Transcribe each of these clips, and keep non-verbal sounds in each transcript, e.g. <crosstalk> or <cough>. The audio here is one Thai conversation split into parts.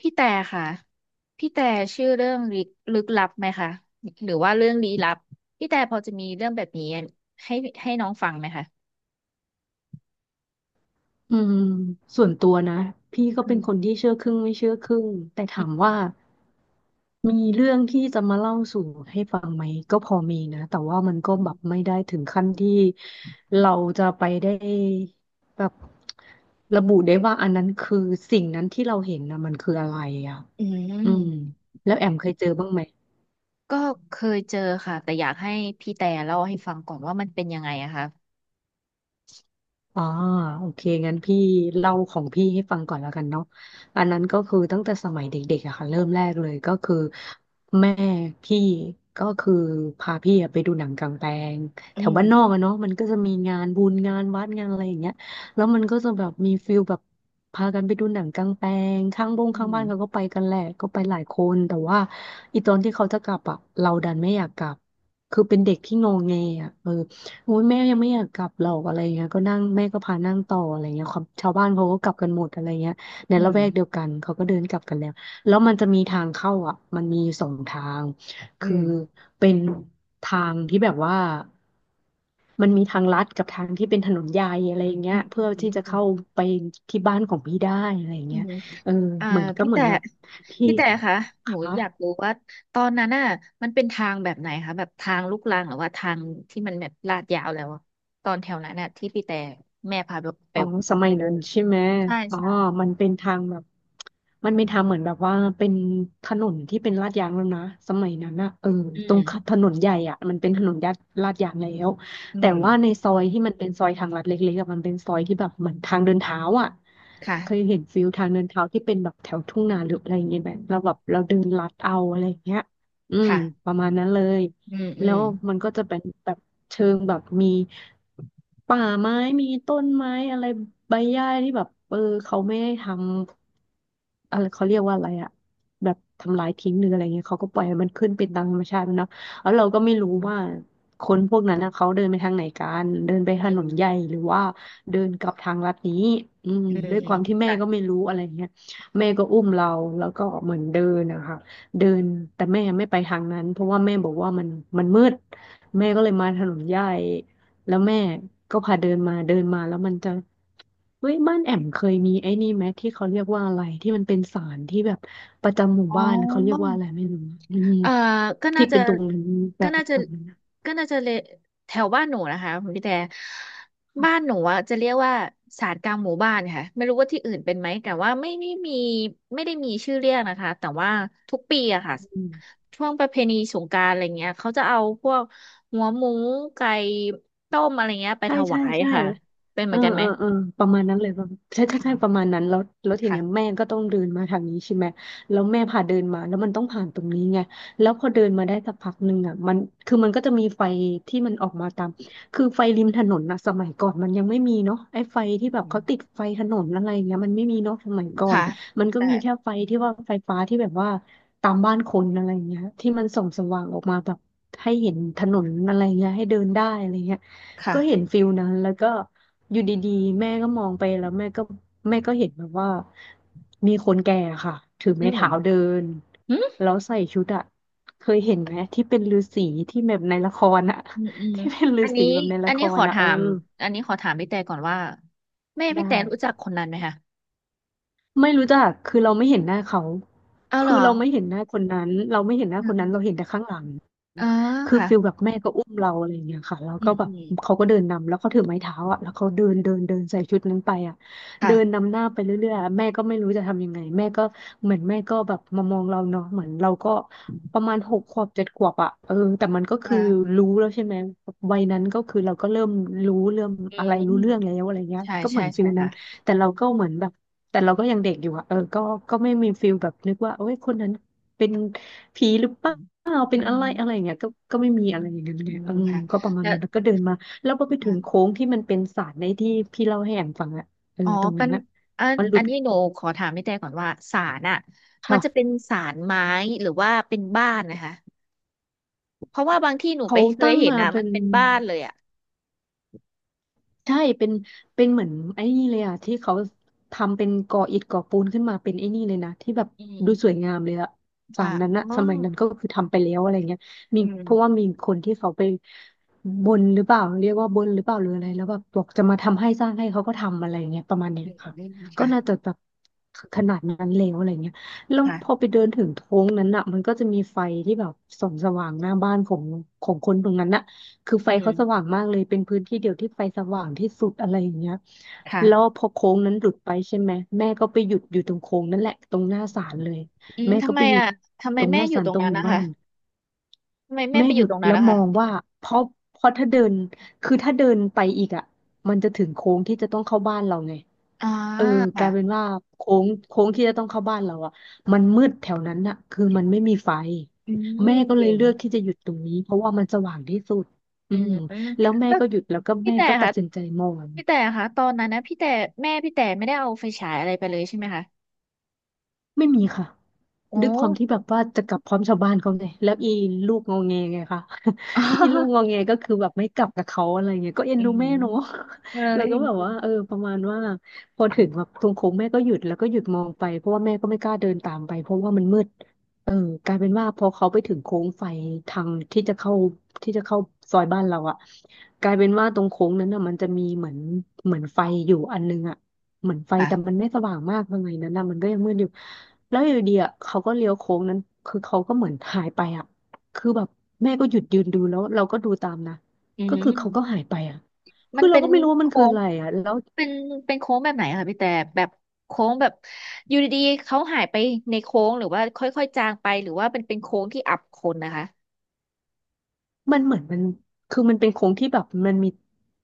พี่แต่ค่ะพี่แต่ชื่อเรื่องลึกลับไหมคะ หรือว่าเรื่องลี้ลับ พี่แต่พอจะมีเรื่องแบบนี้ให้ให้น้องฟังไหมคะอืมส่วนตัวนะพี่ก็อืเป็นมคนที่เชื่อครึ่งไม่เชื่อครึ่งแต่ถามว่ามีเรื่องที่จะมาเล่าสู่ให้ฟังไหมก็พอมีนะแต่ว่ามันก็อืแบบมไม่ได้ถึงขั้นที่เราจะไปได้แบบระบุได้ว่าอันนั้นคือสิ่งนั้นที่เราเห็นนะมันคืออะไรอ่ะอือืมมแล้วแอมเคยเจอบ้างไหม ก็เคยเจอค่ะแต่อยากให้พี่แต่เล่าให้ฟังก่อนว่ามันเป็นยังไงอะคะอ๋อโอเคงั้นพี่เล่าของพี่ให้ฟังก่อนแล้วกันเนาะอันนั้นก็คือตั้งแต่สมัยเด็กๆอะค่ะเริ่มแรกเลยก็คือแม่พี่ก็คือพาพี่อะไปดูหนังกลางแปลงอืแถวมบ้านนอกอะเนาะมันก็จะมีงานบุญงานวัดงานอะไรอย่างเงี้ยแล้วมันก็จะแบบมีฟิลแบบพากันไปดูหนังกลางแปลงข้างบงอืข้างมบ้านเขาก็ไปกันแหละก็ไปหลายคนแต่ว่าอีตอนที่เขาจะกลับอะเราดันไม่อยากกลับคือเป็นเด็กที่งงเงอ่ะเออ โอ้ยแม่ยังไม่อยากกลับหรอกอะไรเงี้ยก็นั่งแม่ก็พานั่งต่ออะไรเงี้ยความชาวบ้านเขาก็กลับกันหมดอะไรเงี้ยในอืละมแวกเดียวกันเขาก็เดินกลับกันแล้วแล้วมันจะมีทางเข้าอ่ะมันมีสองทางอืคือมเป็นทางที่แบบว่ามันมีทางลัดกับทางที่เป็นถนนใหญ่อะไรอย่างเงี้อืยเพื่อที่จะเข้าม ไปที่บ้านของพี่ได้อะไรอย่างอืเงี้ยมเอออ่าเหมือนก็พี่เหมือแต่นแบบพี่พี่แต่คะหนูคะ อยากรู้ว่าตอนนั้นน่ะมันเป็นทางแบบไหนคะแบบทางลูกรังหรือว่าทางที่มันแบบลาดยาวแล้วอะตอนแถวนั้นน่ะที่พี่แต่แม่พาไปไปอ๋อ สมัไปยดูนั้นใช่ไหมใช่อ๋อใช่ มันเป็นทางแบบมันเป็นทางเหมือนแบบว่าเป็นถนนที่เป็นลาดยางแล้วนะสมัยนั้นนะเอออืตรมงถนนใหญ่อ่ะมันเป็นถนนลาดยางแล้วอืแต่มว่าในซอยที่มันเป็นซอยทางลัดเล็กๆอะมันเป็นซอยที่แบบเหมือนทางเดินเท้าอ่ะเคยค่ะเห็นฟิลทางเดินเท้าที่เป็นแบบแถวทุ่งนาหรืออะไรอย่างเงี้ยแบบเราแบบเราเดินลัดเอาอะไรอย่างเงี้ยอืมค่ะ ประมาณนั้นเลย อืมอืแล้มวมันก็จะเป็นแบบเชิงแบบมีป่าไม้มีต้นไม้อะไรใบหญ้าที่แบบเออเขาไม่ได้ทำอะไรเขาเรียกว่าอะไรอะแบบทำลายทิ้งหรืออะไรเงี้ยเขาก็ปล่อยให้มันขึ้นเป็นตามธรรมชาติมันเนาะแล้วเราก็ไม่อืรู้มว่าคนพวกนั้นนะเขาเดินไปทางไหนกันเดินไปถอืนนมใหญ่หรือว่าเดินกลับทางลัดนี้อืมอืมด้วยอืคมวามที่แม่ก็ค่ะไม่รู้อะไรเงี้ยแม่ก็อุ้มเราแล้วก็เหมือนเดินนะคะ เดินแต่แม่ไม่ไปทางนั้นเพราะว่าแม่บอกว่ามันมืดแม่ก็เลยมาถนนใหญ่แล้วแม่ก็พาเดินมาเดินมาแล้วมันจะเฮ้ยบ้านแอมเคยมีไอ้นี่ไหมที่เขาเรียกว่าอะไรที่มันเป็นศาลที่แบบประจำหมู่อ๋อ บ้านเขาเรียกว่าอะไรไม่รู้อืมเอ่อก็น่าที่จะเป็นตรงนั้นแบก็น่าบจะแบบนั้นก็น่าจะเลแถวบ้านหนูนะคะคุณพี่แต่บ้านหนูอะจะเรียกว่าศาลกลางหมู่บ้านค่ะไม่รู้ว่าที่อื่นเป็นไหมแต่ว่าไม่มีไม่ได้มีชื่อเรียกนะคะแต่ว่าทุกปีอะค่ะอืมช่วงประเพณีสงกรานต์อะไรเงี้ยเขาจะเอาพวกหัวหมูไก่ต้มอะไรเงี้ยไปใช่ถใช่วายใช่ ค่ะเป็นเหเอมืออนกันไหมเออเออประมาณนั้นเลยป่ะใช่ใช่ใช่ประค่ะมาณนั้นแล้วแล้วทีเนี้ยแม่ค่ะก็ต้องเดินมาทางนี้ใช่ไหมแล้วแม่พาเดินมาแล้วมันต้องผ่านตรงนี้ไงแล้วพอเดินมาได้สักพักหนึ่งอ่ะมันคือมันก็จะมีไฟที่มันออกมาตามคือไฟริมถนนนะสมัยก่อนมันยังไม่มีเนาะไอ้ไฟที่แบบเขาติดไฟถนนอะไรเงี้ยมันไม่มีเนาะสมัยก่อนค่ะมันก็แต่มีแค่ไฟที่ว่าไฟฟ้าที่แบบว่าตามบ้านคนอะไรเงี้ยที่มันส่องสว่างออกมาแบบให้เห็นถนนอะไรเงี้ยให้เดินได้อะไรเงี้ย ก็เห็นค่ะฟิลนั้น แล้วก็อยู่ดีๆแม่ก็มองไปแล้วแม่ก็เห็นแบบว่ามีคนแก่ค่ะถืออืไม้เท้าเดิม นแล้วใส่ชุดอะเคยเห็นไหมที่เป็นฤาษีที่แบบในละครอะ อืมอืม <laughs> ที่เป็นฤาอันษีนี้แบบในอัละนคนี้ขรออะถาเออมอันนี้ขอถามพี่แต่ก่อนว่าแม่ได้ พี่แต่รู้จักคนนั้นไหมคะไม่รู้จัก คือเราไม่เห็นหน้าเขา เอาเหรคืออเราไม่เห็นหน้าคนนั้น เราไม่เห็นหน้าอืมคนอนั้น เรามเห็นแต่ข้างหลังอ๋อคือค่ะฟิลแบบแม่ก็อุ้มเราอะไรอย่างเงี้ยค่ะแล้วอืก็มแบอืบมเขาก็เดินนำแล้วเขาถือไม้เท้าอ่ะแล้วเขาเดินเดินเดินใส่ชุดนั้นไปอ่ะค่ะเดินนำหน้าไปเรื่อยๆอะแม่ก็ไม่รู้จะทำยังไงแม่ก็เหมือนแม่ก็แบบมามองเราเนาะเหมือนเราก็ประมาณหกขวบเจ็ดขวบอ่ะเออแต่มันก็คืออ่ารู้แล้วใช่ไหมวัยนั้นก็คือเราก็เริ่มรู้เริ่มอือะไรรู้เรื่องแล้มวอะไรเงี้ยใช่ก็เหใช่มือนฟิใช่ลนั้ค่ะนแต่เราก็เหมือนแบบ แต่เราก็ยังเด็กอยู่อะเออก็ก็ไม่มีฟิลแบบนึกว่าโอ้ยคนนั้นเป็นผีหรือเปอืล่ามเป็อืนอะมไรอะไรอย่างเงี้ยก็ก็ไม่มีอะไรอย่างเงี้ยอืเนี่ยมอืมค่ะก็ประมาณแล้วนั้นแล้วก็เดินมา แล้วพอไปถึงอ่ะโค้งที่มันเป็นศาลในที่พี่เล่าให้แอมฟังอะอ๋อตรงเป็นั้นนอะมันหลุอัดนนี้หนูขอถามพี่แต่ก่อนว่าศาลอ่ะมันจะเป็ค่ะ นศาลไม้หรือว่าเป็นบ้านนะคะเพราะว่าบางที่หนูไปเขาเคยตั้งเห็นมานะเป็มันน เป็นบ้านเลยอ่ะใช่เป็นเป็นเหมือนไอ้นี่เลยอ่ะที่เขาทำเป็นก่ออิฐก่อปูนขึ้นมาเป็นไอ้นี่เลยนะที่แบบอืดูสวยมงามเลยอะศาค่ะลนั้นอ๋ออะสมัยนั้นก็คือทำไปแล้วอะไรเงี้ยมีอืเพราะว่าม มีคนที่เขาไปบนหรือเปล่าเรียกว่าบนหรือเปล่าหรืออะไรแล้วแบบบอกจะมาทำให้สร้างให้เขาก็ทำอะไรเงี้ยประมาณเนี้ยอืมค่ะอืมก็ค่ะน่าจะแบบขนาดนั้นแล้วอะไรเงี้ยแล้วพอไปค่ะเดินถึงโค้งนั้นอะมันก็จะมีไฟที่แบบส่องสว่างหน้าบ้านของคนตรงนั้นอะ คือไฟอืเขาสมว่างมากเลยเป็นพื้นที่เดียวที่ไฟสว่างที่สุดอะไรอย่างเงี้ยแล้วค่ะพอโค้งนั้นหลุดไปใช่ไหมแม่ก็ไปหยุดอยู่ตรงโค้งนั่นแหละตรงหน้าศาลเลยอืมแม่ทำก็ไมไปหยุดอ่ะทำไมตรงหแม่น้าอยู่ศาลตรตงรงนั้นหมู่นะบ้าคะน ทำไมแม่แม่ไปอหยุยู่ดตรงนั้แล้นวนะมคะองว่าเพราะถ้าเดินคือถ้าเดินไปอีกอ่ะมันจะถึงโค้งที่จะต้องเข้าบ้านเราไงอ่าเออกค่ะลายเป็นว่าโค้งที่จะต้องเข้าบ้านเราอ่ะมันมืดแถวนั้นอ่ะคือมันไม่มีไฟอืแม่มก็เลเก่ยงเลือกที่จะหยุดตรงนี้เพราะว่ามันสว่างที่สุดอือืมมอืมแล้วแม่แล้วก็หยุดแล้วก็พี่แม่แต่ก็ตัดค่ะสินใจมองพี่แต่ค่ะตอนนั้นนะพี่แต่แม่พี่แต่ไม่ได้เอาไฟฉายอะไรไปเลยใช่ไหมคะไม่มีค่ะ โอ้ ด้วยความที่แบบว่าจะกลับพร้อมชาวบ้านเขาไงแล้วอีลูกงอแงไงคะ <laughs> อีลูก <laughs> งอแงก็คือแบบไม่กลับกับเขาอะไรเงี้ยก็เอ็นอืดูมแม่เนาะ เล <laughs> แล้วยก็แบบว่าเออประมาณว่าพอถึงแบบตรงโค้งแม่ก็หยุดแล้วก็หยุดมองไปเพราะว่าแม่ก็ไม่กล้าเดินตามไปเพราะว่ามันมืด เออกลายเป็นว่าพอเขาไปถึงโค้งไฟทางที่จะเข้าที่จะเข้าซอยบ้านเราอะกลายเป็นว่าตรงโค้งนั้นอ่ะมันจะมีเหมือนไฟอยู่อันนึงอะเหมือนไฟแต่มัค่ะนไม่สว่างมากยังไงนั้นนะมันก็ยังมืดอยู่แล้วอยู่ดีอะเขาก็เลี้ยวโค้งนั้นคือเขาก็เหมือนหายไปอะคือแบบแม่ก็หยุดยืนดูแล้วเราก็ดูตามนะอืก็คือเขาก็ม หายไปอะมัคืนอเราเป็นก็ไม่รู้ว่ามันโค้คืองอะไรอะแล้ว เป็นเป็นโค้งแบบไหนอะคะพี่แต่แบบโค้งแบบอยู่ดีๆเขาหายไปในโค้งหรือว่าค่อยๆจางไปหรือว่าเป็นโค้งที่อับคนนะคะมันเหมือนมันคือมันเป็นโค้งที่แบบมันมี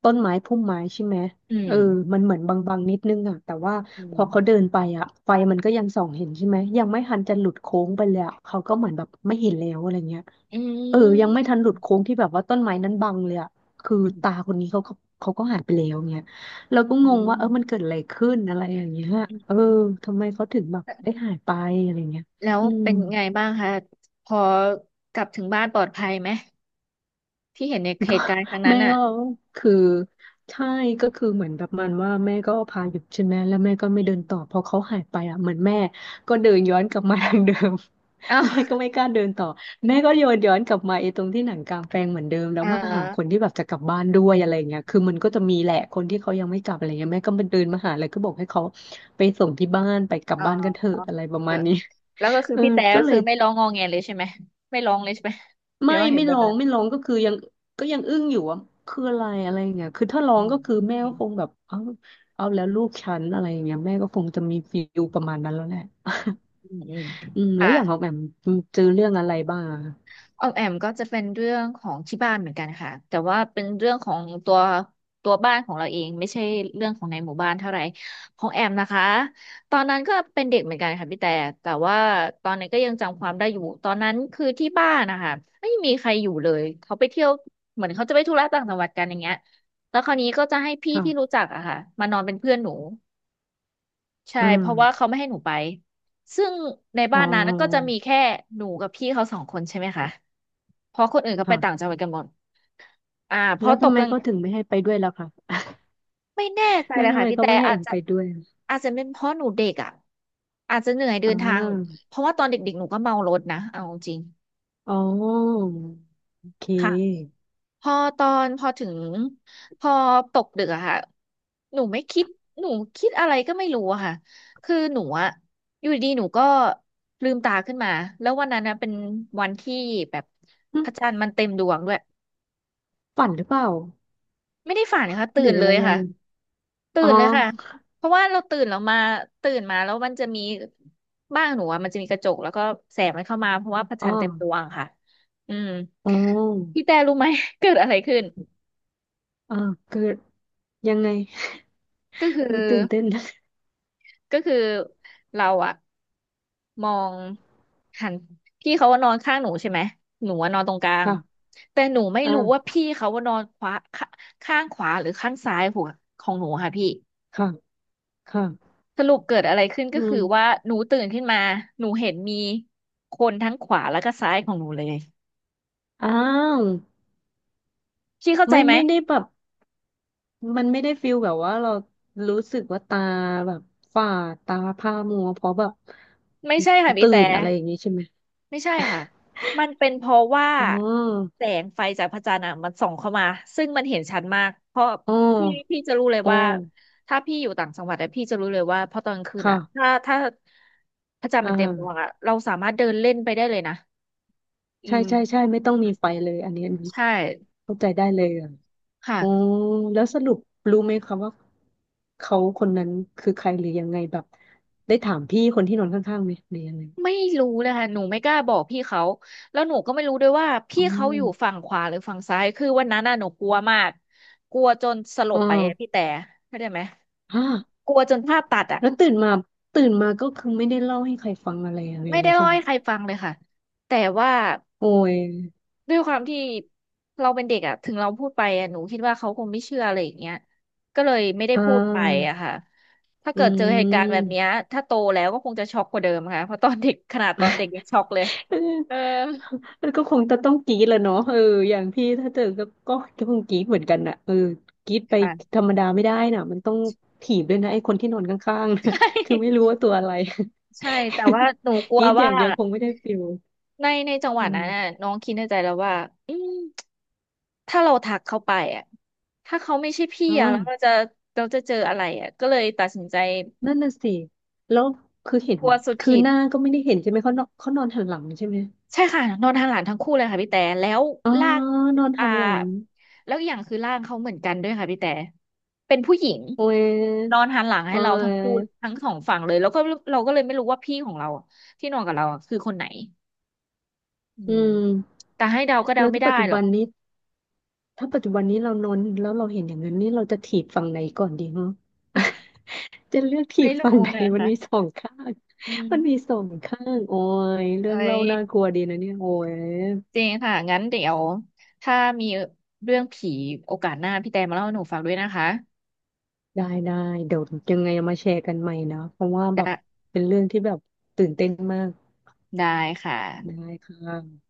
ต้นไม้พุ่มไม้ใช่ไหมอืเออมมันเหมือนบางๆนิดนึงอ่ะแต่ว่าอืพมอเขาเดินไปอ่ะไฟมันก็ยังส่องเห็นใช่ไหมยังไม่ทันจะหลุดโค้งไปเลยอะเขาก็เหมือนแบบไม่เห็นแล้วอะไรเงี้ยอืเออยังมไม่ทันหลุดโค้งที่แบบว่าต้นไม้นั้นบังเลยอ่ะคืออืตามคนนี้เขาก็หายไปแล้วเงี้ยเราก็อืงงว่ามเออมันเกิดอะไรขึ้นอะไรอย่างเงี้ยอืมเอออืมทำไมเขาถึงแบบได้หายไปอะไรเงี้ยแล้วอืม เป็นไงบ้างคะพอกลับถึงบ้านปลอดภัยไหมที่เห็นในเหก็ ตุการณ์ครั้ง <laughs> นั้แม่นอ่ะก็คือใช่ก็คือเหมือนแบบมันว่าแม่ก็พาหยุดใช่ไหมแล้วแม่ก็ไม่อืเดินมต่อพอเขาหายไปอ่ะเหมือนแม่ก็เดินย้อนกลับมาทางเดิม เอ้า <laughs> แม่ก็ไม่กล้าเดินต่อแม่ก็โยนย้อนกลับมาไอ้ตรงที่หนังกลางแปลงเหมือนเดิมแล้เอวมาหาคนอที่แบบจะกลับบ้านด้วยอะไรเงี้ยคือมันก็จะมีแหละคนที่เขายังไม่กลับอะไรเงี้ยแม่ก็มาเดินมาหาเลยก็บอกให้เขาไปส่งที่บ้านไปกลัเบบ้านกันเถอออะอะไรประเออมาณนี้ แล้วก็คื <laughs> อเออพี่แต่ก็ก็เลคืย อไม่ร้องงอแงเลยใช่ไหมไม่ร้องเลยใช่ไหมเดี๋ไม่ยวว่าเห็นแบบนั้น ไม่ร้องก็คือยังก็ยังอึ้งอยู่ว่าคืออะไรอะไรอย่างเงี้ยคือถ้าร้ออืงมก็คืออืแม่มก็คงแบบเอาแล้วลูกฉันอะไรอย่างเงี้ยแม่ก็คงจะมีฟีลประมาณนั้นแล้วแหละอืมอืมแล้ค่ะวอย่างของแอมเจอเรื่องอะไรบ้างอะออมแอมก็จะเป็นเรื่องของที่บ้านเหมือนกันค่ะแต่ว่าเป็นเรื่องของตัวบ้านของเราเองไม่ใช่เรื่องของในหมู่บ้านเท่าไหร่ของแอมนะคะตอนนั้นก็เป็นเด็กเหมือนกันค่ะพี่แต่แต่ว่าตอนนั้นก็ยังจำความได้อยู่ตอนนั้นคือที่บ้านนะคะไม่มีใครอยู่เลยเขาไปเที่ยวเหมือนเขาจะไปธุระต่างจังหวัดกันอย่างเงี้ยแล้วคราวนี้ก็จะให้พี่ที่รู้ค่ะจักอะค่ะมานอนเป็นเพื่อนหนู ใช่อืมเพราะว่าเขาไม่ให้หนูไปซึ่งในอ๋บ้าอนนั้นก็จะมีแค่หนูกับพี่เขาสองคนใช่ไหมคะเพราะคนอื่นเขาไปต่างค่ะจังหวัดกันหมดอ่าพแล้อวตทำกไมกลางก็ถึงไม่ให้ไปด้วยล่ะคะ ไม่แน่ใจ <laughs> แล้เลวยทำค่ะไมพี่ก็แต่ไม่ให้อาแอจมจะไปด้วยอาจจะเป็นเพราะหนูเด็กอ่ะอาจจะเหนื่อยเดิอ่นทางาเพราะว่าตอนเด็กๆหนูก็เมารถนะเอาจริงอ๋อโอเค่ะ คพอตอนพอถึงพอตกดึกอะค่ะหนูไม่คิดหนูคิดอะไรก็ไม่รู้อะค่ะคือหนูอะอยู่ดีๆหนูก็ลืมตาขึ้นมาแล้ววันนั้นนะเป็นวันที่แบบหึพระจันทร์มันเต็มดวงด้วยฝันหรือเปล่าไม่ได้ฝันค่ะหตื่รือนเลอะไรยยังค่ะไงตื่อ๋อนเลยค่ะเพราะว่าเราตื่นเรามาตื่นมาแล้วมันจะมีบ้านหนูอะมันจะมีกระจกแล้วก็แสงมันเข้ามาเพราะว่าพระอ๋จัอนทร์เต็มดวงค่ะอืมอ๋อพี่แต่รู้ไหม <laughs> เกิดอะไรขึ้นอ่าคือยังไง ก็คือ โอ้ยตื่นเต้นนะก็คือเราอะมองหันพี่เขาว่านอนข้างหนูใช่ไหมหนูว่านอนตรงกลางค่ะแต่หนูไม่รู้ว่าอ่าพี่เขาว่านอนขวาขข้างขวาหรือข้างซ้ายหัวของหนูค่ะพี่ค่ะค่ะสรุปเกิดอะไรขึ้นก็อืคือมว่าหนูตื่นขึ้นมาหนูเห็นมีคนทั้งขวาแล้วก็ซ้ายของหนูเลยอ้าวพี่เข้าใจไม่ไหมได้แบบมันไม่ได้ฟิลแบบว่าเรารู้สึกว่าตาแบบฝ่าตาผ้ามัวเพราะแบบไม่ใช่ค่ะพี่ตื่แต่ นอะไรอย่างนี้ใช่ไหม ไม่ใช่ค่ะ มันเป็นเพราะว่า <laughs> อ๋อแสงไฟจากพระจันทร์อ่ะมันส่องเข้ามา ซึ่งมันเห็นชัดมาก เพราะอ๋อพี่จะรู้เลยอ๋อว่าถ้าพี่อยู่ต่างจังหวัดอะพี่จะรู้เลยว่าพอตอนกลางคืนอ่ะค่ะถ้าพระจันทร์อ่มันเต็มดวงาอ่ะเราสามารถเดินเล่นไปได้เลยนะอืใช่มใช่ใช่ ไม่ต้องมีไฟเลยอันนี้ใช่เข้าใจได้เลยอ่ะอ๋อค่ะ แล้วสรุปรู้ไหมคะว่าเขาคนนั้นคือใครหรือยังไงแบบได้ถามพี่คนที่นอนข้างๆไหมหรือยังไง ไม่รู้เลยค่ะหนูไม่กล้าบอกพี่เขาแล้วหนูก็ไม่รู้ด้วยว่าอ๋พี่อเขาอยู่ฝั่งขวาหรือฝั่งซ้ายคือวันนั้นน่ะหนูกลัวมากกลัวจนสลอ๋บอไปอะพี่แต่เข้าใจไหมฮะกลัวจนภาพตัดอ่ะ แล้วตื่นมาก็คือไม่ได้เล่าให้ใครฟังอะไรอะไรไม่เลได้ยเล่าใช่ไหมให้ใครฟังเลยค่ะแต่ว่าโอ้ยด้วยความที่เราเป็นเด็กอะถึงเราพูดไปอะหนูคิดว่าเขาคงไม่เชื่ออะไรอย่างเงี้ยก็เลยไม่ได้อ้าพูดไปวอะค่ะถ้าอืเกิดเจอเหตุการณ์แบบเนี้ยม ถ้าโตแล้วก็คงจะช็อกกว่าเดิมค่ะเพราะตอนเด็กขนาดตอนเด็กยังช็อกเลย <laughs> เออเออแล้วก็คงจะต้องกรี๊ดแหละเนาะเอออย่างพี่ถ้าเจอก็คงกรี๊ดเหมือนกันน่ะเออกรี๊ดไปค่ะ ธรรมดาไม่ได้น่ะมันต้องถีบด้วยนะไอ้คนที่นอนข้างๆนะ <laughs> ใช่ <laughs> คือไม่รู้ว่าตัวอะไร ใช่แต่ว่าหนูก <laughs> ลักวรี๊ดอว่าย่างเดียวคงไม่ได้ฟิลในจังหวะอืนั้นน่ะมน้องคิดในใจแล้วว่าอืมถ้าเราทักเขาไปอ่ะถ้าเขาไม่ใช่พี่อ่อ่ะแล้วา เราจะเจออะไรอ่ะก็เลยตัดสินใจ นั่นน่ะสิแล้วคือเห็นกลัวสุดคือขีดหน้าก็ไม่ได้เห็นใช่ไหมเขานอนหันหลังใช่ไหมใช่ค่ะนอนหันหลังทั้งคู่เลยค่ะพี่แต่แล้วอ๋อลากนอนอ่าหันหลัง แล้วอย่างคือร่างเขาเหมือนกันด้วยค่ะพี่แต่เป็นผู้หญิงโอ้ยนอนหันหลังให้โอ้เราทั้งคู่ยทั้งสองฝั่งเลยแล้วก็เราก็เลยไม่รู้ว่าพี่ของเราอะที่นอนกับเราอะคือคนไหนอือืมมแต่ให้เดาก็เดาแล้วไม่ถ้าได้ปัจจุหรอบักนนี้เรานอนแล้วเราเห็นอย่างนั้นนี่เราจะถีบฝั่งไหนก่อนดีเนาะ <laughs> จะเลือกถีไม่บฝั่งรู้ไหน นะมันคะมีสองข้าง อื <laughs> มันมีมสองข้างโอ้ยเรื่เอ้องเล่ายน่ากลัวดีนะเนี่ยโอ้ยจริงค่ะงั้นเดี๋ยวถ้ามีเรื่องผีโอกาสหน้าพี่แต่มาเล่าให้หนูฟังด้วยนะคะได้ได้ เดี๋ยวยังไงเอามาแชร์กันใหม่นะเพราะว่าแบบได้เป็นเรื่องที่แบบตื่นเต้นมากได้ค่ะได้ค่ะ